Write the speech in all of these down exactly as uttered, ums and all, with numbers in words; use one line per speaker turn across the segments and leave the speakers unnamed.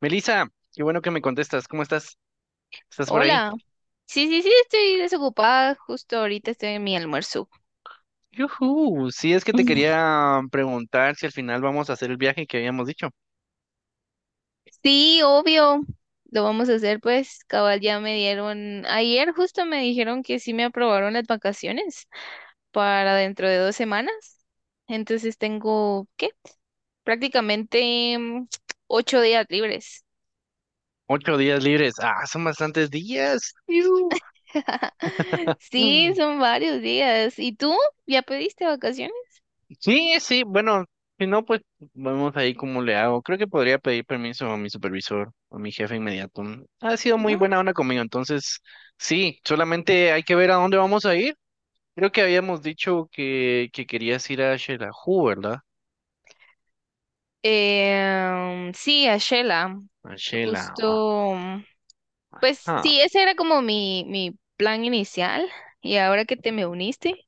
Melissa, qué bueno que me contestas. ¿Cómo estás? ¿Estás por ahí?
Hola. Sí, sí, sí, estoy desocupada. Justo ahorita estoy en mi almuerzo.
Yujú, sí, es que te quería preguntar si al final vamos a hacer el viaje que habíamos dicho.
Sí, obvio. Lo vamos a hacer, pues, cabal, ya me dieron, ayer justo me dijeron que sí me aprobaron las vacaciones para dentro de dos semanas. Entonces tengo, ¿qué? Prácticamente mm, ocho días libres.
Ocho días libres. Ah, son bastantes días. Iu.
Sí,
Mm.
son varios días. ¿Y tú? ¿Ya pediste vacaciones?
Sí, sí, bueno, si no, pues vamos ahí como le hago. Creo que podría pedir permiso a mi supervisor o a mi jefe inmediato. Ha sido muy buena onda conmigo, entonces sí, solamente hay que ver a dónde vamos a ir. Creo que habíamos dicho que, que querías ir a Xelajú, ¿verdad?
Eh, sí, a Shela.
A Xela,
Justo. mm, Pues
ajá.
sí, ese era como mi, mi plan inicial y ahora que te me uniste,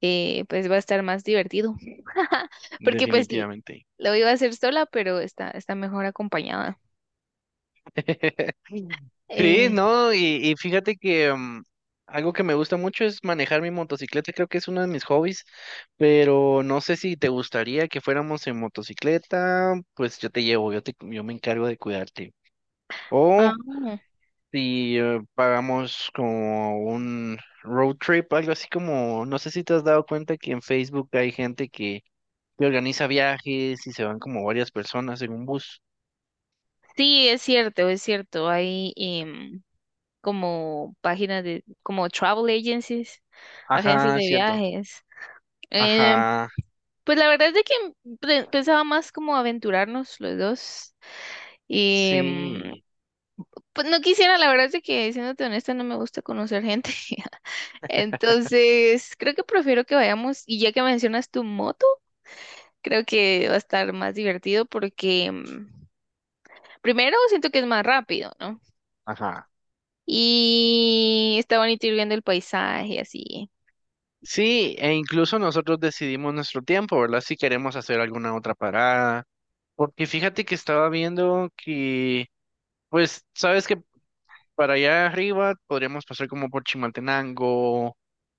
eh, pues va a estar más divertido. Porque pues l-
Definitivamente.
lo iba a hacer sola, pero está, está mejor acompañada.
Sí,
Eh,
no, y, y fíjate que mm, algo que me gusta mucho es manejar mi motocicleta, creo que es uno de mis hobbies, pero no sé si te gustaría que fuéramos en motocicleta, pues yo te llevo, yo te, yo me encargo de cuidarte. O
ah,
si eh, pagamos como un road trip, algo así como, no sé si te has dado cuenta que en Facebook hay gente que, que organiza viajes y se van como varias personas en un bus.
sí, es cierto, es cierto. Hay em, como páginas de, como travel agencies, agencias
Ajá,
de
cierto.
viajes. Em,
Ajá,
pues la verdad es de que mm, pe- pensaba más como aventurarnos los dos. em,
sí,
Pues no quisiera, la verdad es de que, siéndote honesta, no me gusta conocer gente. Entonces, creo que prefiero que vayamos, y ya que mencionas tu moto, creo que va a estar más divertido porque mm, primero siento que es más rápido, ¿no?
ajá.
Y está bonito ir viendo el paisaje así.
Sí, e incluso nosotros decidimos nuestro tiempo, ¿verdad? Si queremos hacer alguna otra parada. Porque fíjate que estaba viendo que, pues, sabes que para allá arriba podríamos pasar como por Chimaltenango,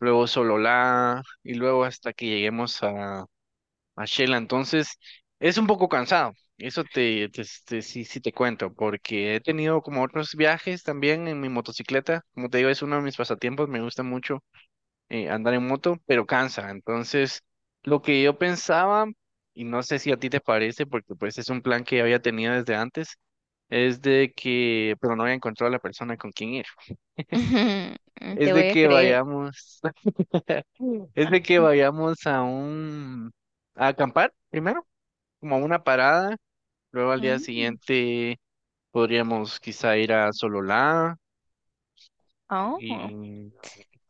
luego Sololá y luego hasta que lleguemos a, a Shela. Entonces, es un poco cansado. Eso te, te, te- sí, sí te cuento, porque he tenido como otros viajes también en mi motocicleta. Como te digo, es uno de mis pasatiempos, me gusta mucho eh, andar en moto, pero cansa. Entonces, lo que yo pensaba, y no sé si a ti te parece, porque pues es un plan que había tenido desde antes, es de que, pero no había encontrado a la persona con quien ir. Es
Te
de
voy a
que
creer.
vayamos, es de que vayamos a un, a acampar primero, como a una parada, luego al día
Mm.
siguiente podríamos quizá ir a Sololá
Oh.
y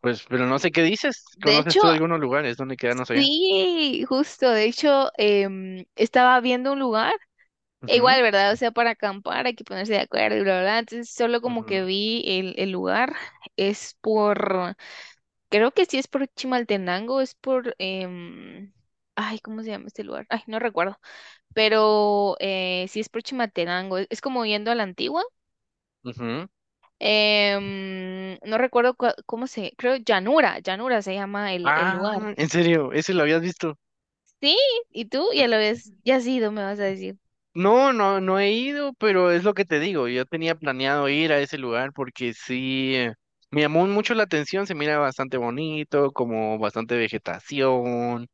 pues, pero no sé qué dices,
De
¿conoces
hecho,
tú algunos lugares donde quedarnos allá?
sí, justo, de hecho, em, estaba viendo un lugar. E
Ujú,
igual, ¿verdad? O sea, para acampar hay que ponerse de acuerdo y bla, bla, bla. Entonces, solo como que
ujú,
vi el, el lugar, es por, creo que sí es por Chimaltenango, es por, em, ay, ¿cómo se llama este lugar? Ay, no recuerdo, pero eh, sí es por Chimaltenango, es, es como yendo a la antigua.
ujú.
Em, no recuerdo cua- cómo se, creo Llanura, Llanura se llama el, el lugar.
Ah, en serio, ese lo habías visto.
Sí, ¿y tú? Ya lo ves, ya has ido, me vas a decir.
No, no, no he ido, pero es lo que te digo. Yo tenía planeado ir a ese lugar porque sí, eh, me llamó mucho la atención. Se mira bastante bonito, como bastante vegetación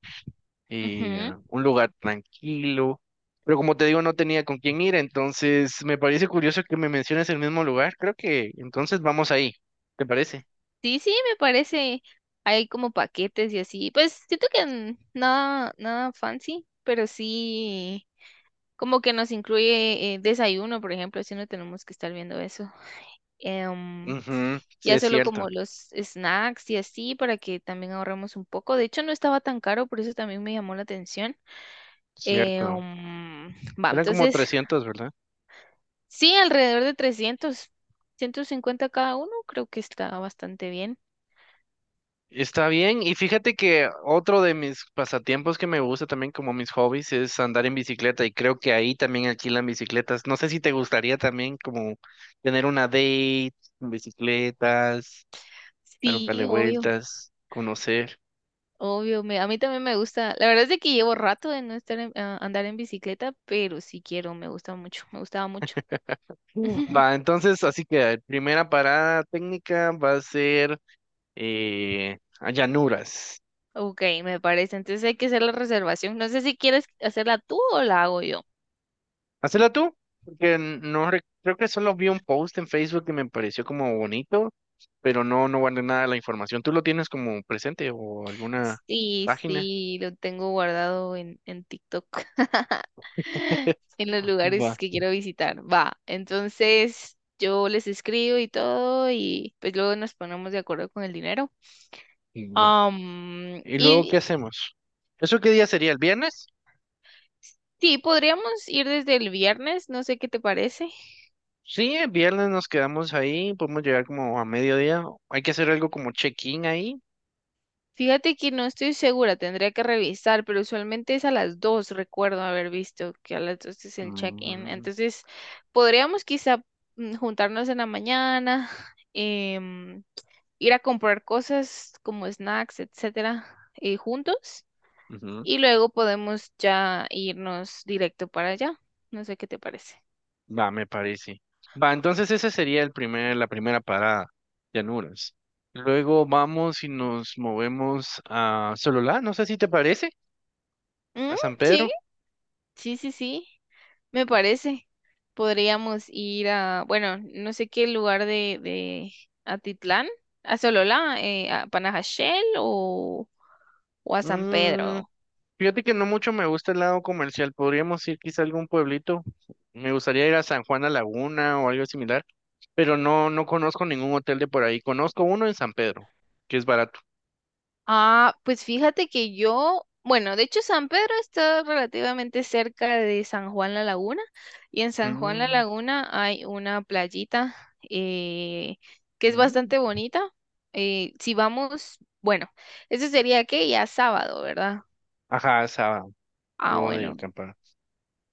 y eh, un lugar tranquilo. Pero como te digo, no tenía con quién ir, entonces me parece curioso que me menciones el mismo lugar. Creo que entonces vamos ahí. ¿Te parece?
Sí, sí, me parece. Hay como paquetes y así. Pues siento que n- nada, nada fancy, pero sí como que nos incluye eh, desayuno, por ejemplo, si no tenemos que estar viendo eso. Em,
Ujú, sí,
ya
es
solo
cierto,
como los snacks y así para que también ahorremos un poco. De hecho, no estaba tan caro, por eso también me llamó la atención. Eh,
cierto.
um, va,
Eran como
entonces,
trescientos, ¿verdad?
sí, alrededor de trescientos, ciento cincuenta cada uno, creo que está bastante bien.
Está bien, y fíjate que otro de mis pasatiempos que me gusta también como mis hobbies es andar en bicicleta y creo que ahí también alquilan bicicletas. No sé si te gustaría también como tener una date con bicicletas, dar un par de
Sí, obvio.
vueltas, conocer.
Obvio, me- a mí también me gusta. La verdad es de que llevo rato de no estar en- a- andar en bicicleta, pero sí quiero, me gusta mucho, me gustaba mucho.
Mm. Va, entonces, así que primera parada técnica va a ser eh, a Llanuras.
Ok, me parece. Entonces hay que hacer la reservación. No sé si quieres hacerla tú o la hago yo.
Hacela tú, porque no re- creo que solo vi un post en Facebook que me pareció como bonito, pero no, no guardé nada de la información. ¿Tú lo tienes como presente o alguna
Sí,
página?
sí, lo tengo guardado en, en TikTok, en los lugares
Va,
que quiero visitar. Va, entonces yo les escribo y todo y pues luego nos ponemos de acuerdo con el dinero.
va.
Am,
¿Y luego
y
qué hacemos? ¿Eso qué día sería? ¿El viernes?
Sí, podríamos ir desde el viernes, no sé qué te parece.
Sí, el viernes nos quedamos ahí, podemos llegar como a mediodía. Hay que hacer algo como check-in ahí.
Fíjate que no estoy segura, tendría que revisar, pero usualmente es a las dos, recuerdo haber visto que a las dos es el check-in.
Mm,
Entonces, podríamos quizá mm, juntarnos en la mañana, em, ir a comprar cosas como snacks, etcétera, eh, juntos,
ujú.
y luego podemos ya irnos directo para allá. No sé qué te parece.
Va, me parece. Va, entonces esa sería el primer, la primera parada, Llanuras. Luego vamos y nos movemos a Sololá, no sé si te parece,
Mm,
a San
sí,
Pedro.
sí, sí, sí. Me parece. Podríamos ir a, bueno, no sé qué lugar de, de Atitlán, a Sololá, eh, a Panajachel o, o a San
Mm,
Pedro.
fíjate que no mucho me gusta el lado comercial, podríamos ir quizá a algún pueblito. Me gustaría ir a San Juan a Laguna o algo similar, pero no, no conozco ningún hotel de por ahí. Conozco uno en San Pedro, que es barato.
Ah, pues fíjate que yo, bueno, de hecho San Pedro está relativamente cerca de San Juan La Laguna y en San Juan La
Mm,
Laguna hay una playita eh, que es
mm.
bastante bonita. Eh, si vamos, bueno, eso sería que ya sábado, ¿verdad?
Ajá, esa,
Ah,
luego de
bueno.
acampar.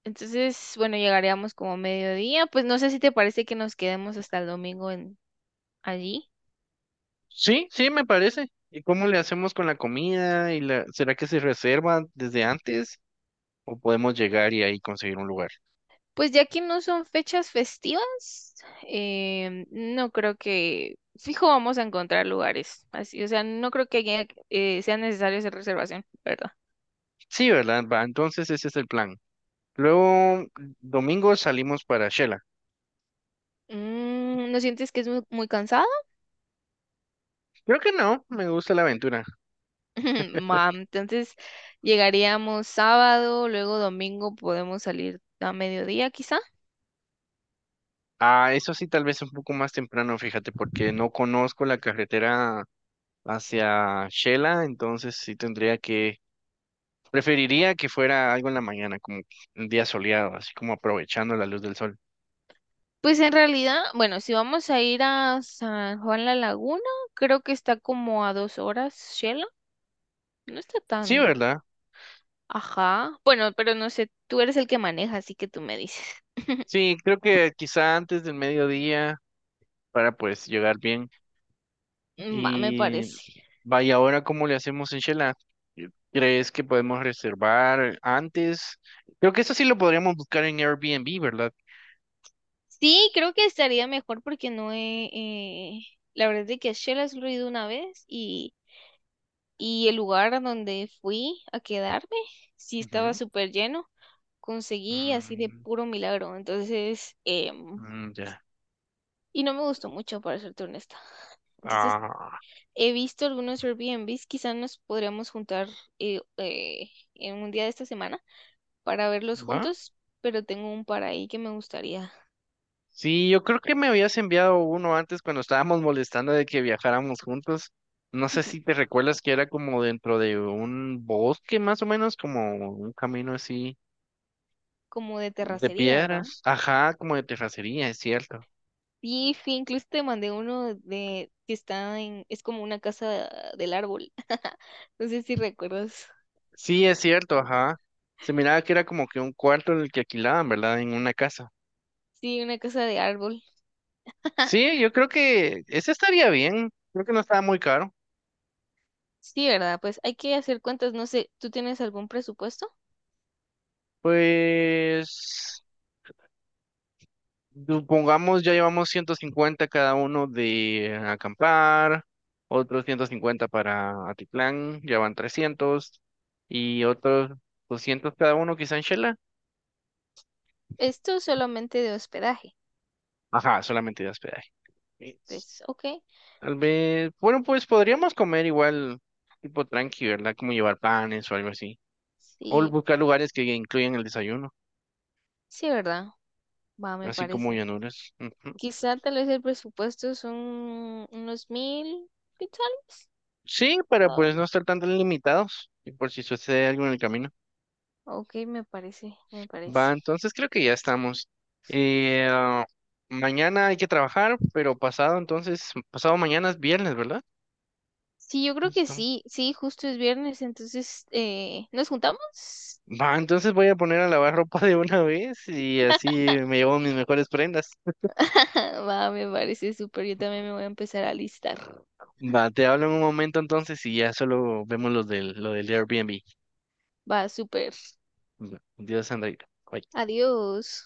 Entonces, bueno, llegaríamos como a mediodía. Pues no sé si te parece que nos quedemos hasta el domingo en, allí.
Sí, sí, me parece. ¿Y cómo le hacemos con la comida? ¿Y la... ¿Será que se reserva desde antes? ¿O podemos llegar y ahí conseguir un lugar?
Pues ya que no son fechas festivas, em, no creo que, fijo, vamos a encontrar lugares así. O sea, no creo que haya- eh, sea necesario hacer reservación, ¿verdad?
Sí, ¿verdad? Va, entonces ese es el plan. Luego, domingo salimos para Shela.
Mm, ¿no sientes que es muy, muy cansado?
Creo que no, me gusta la aventura.
Mam, entonces llegaríamos sábado, luego domingo podemos salir a mediodía quizá.
Ah, eso sí, tal vez un poco más temprano, fíjate, porque no conozco la carretera hacia Shela, entonces sí tendría que, preferiría que fuera algo en la mañana, como un día soleado, así como aprovechando la luz del sol.
Pues en realidad, bueno, si vamos a ir a San Juan La Laguna, creo que está como a dos horas, Shela. No está
Sí,
tan...
¿verdad?
Ajá. Bueno, pero no sé, tú eres el que maneja, así que tú me dices.
Sí, creo que quizá antes del mediodía para pues llegar bien.
Va, me
Y
parece.
vaya, ahora cómo le hacemos en Shela. ¿Crees que podemos reservar antes? Creo que eso sí lo podríamos buscar en Airbnb, ¿verdad?
Sí, creo que estaría mejor porque no he... eh, la verdad es de que a Shela solo he ido una vez y, y el lugar a donde fui a quedarme, sí estaba
Ujú.
súper lleno. Conseguí así de
Mm,
puro milagro. Entonces, eh,
mm, ya.
y no me gustó mucho, para serte honesta. Entonces,
Ah,
he visto algunos Airbnbs, quizás nos podríamos juntar eh, eh, en un día de esta semana para verlos
¿va?
juntos, pero tengo un para ahí que me gustaría,
Sí, yo creo que me habías enviado uno antes cuando estábamos molestando de que viajáramos juntos. No sé si te recuerdas que era como dentro de un bosque más o menos, como un camino así.
como de
De
terracería, ¿verdad?
piedras. Ajá, como de terracería, es cierto.
Y sí, incluso te mandé uno de que está en, es como una casa del árbol. No sé si recuerdas.
Sí, es cierto, ajá. Se miraba que era como que un cuarto en el que alquilaban, ¿verdad? En una casa.
Sí, una casa de árbol.
Sí, yo creo que ese estaría bien. Creo que no estaba muy caro.
Sí, ¿verdad? Pues hay que hacer cuentas, no sé, ¿tú tienes algún presupuesto?
Pues, supongamos, ya llevamos ciento cincuenta cada uno de acampar, otros ciento cincuenta para Atitlán, ya van trescientos, y otros doscientos cada uno quizá en Shela.
Esto solamente de hospedaje.
Ajá, solamente de hospedaje.
Pues, ok,
Tal vez, bueno, pues podríamos comer igual tipo tranqui, ¿verdad? Como llevar panes o algo así. O
sí,
buscar lugares que incluyan el desayuno,
sí, ¿verdad? Va, me
así como
parece.
Llanuras. Ujú.
Quizá tal vez el presupuesto son unos mil, quizá.
Sí, para
¿No?
pues no estar tan limitados y por si sucede algo en el camino.
Ok, me parece, me
Va,
parece.
entonces creo que ya estamos. Eh, ah, mañana hay que trabajar, pero pasado entonces, pasado mañana es viernes, ¿verdad?
Sí, yo creo que
Listo.
sí, sí, justo es viernes, entonces, eh, ¿nos juntamos?
Va, entonces voy a poner a lavar ropa de una vez y así me llevo mis mejores prendas.
Va, me parece súper, yo también me voy a empezar a listar.
Va, te hablo en un momento entonces y ya solo vemos los del, lo del Airbnb.
Va, súper.
Dios, Sandra. Bye.
Adiós.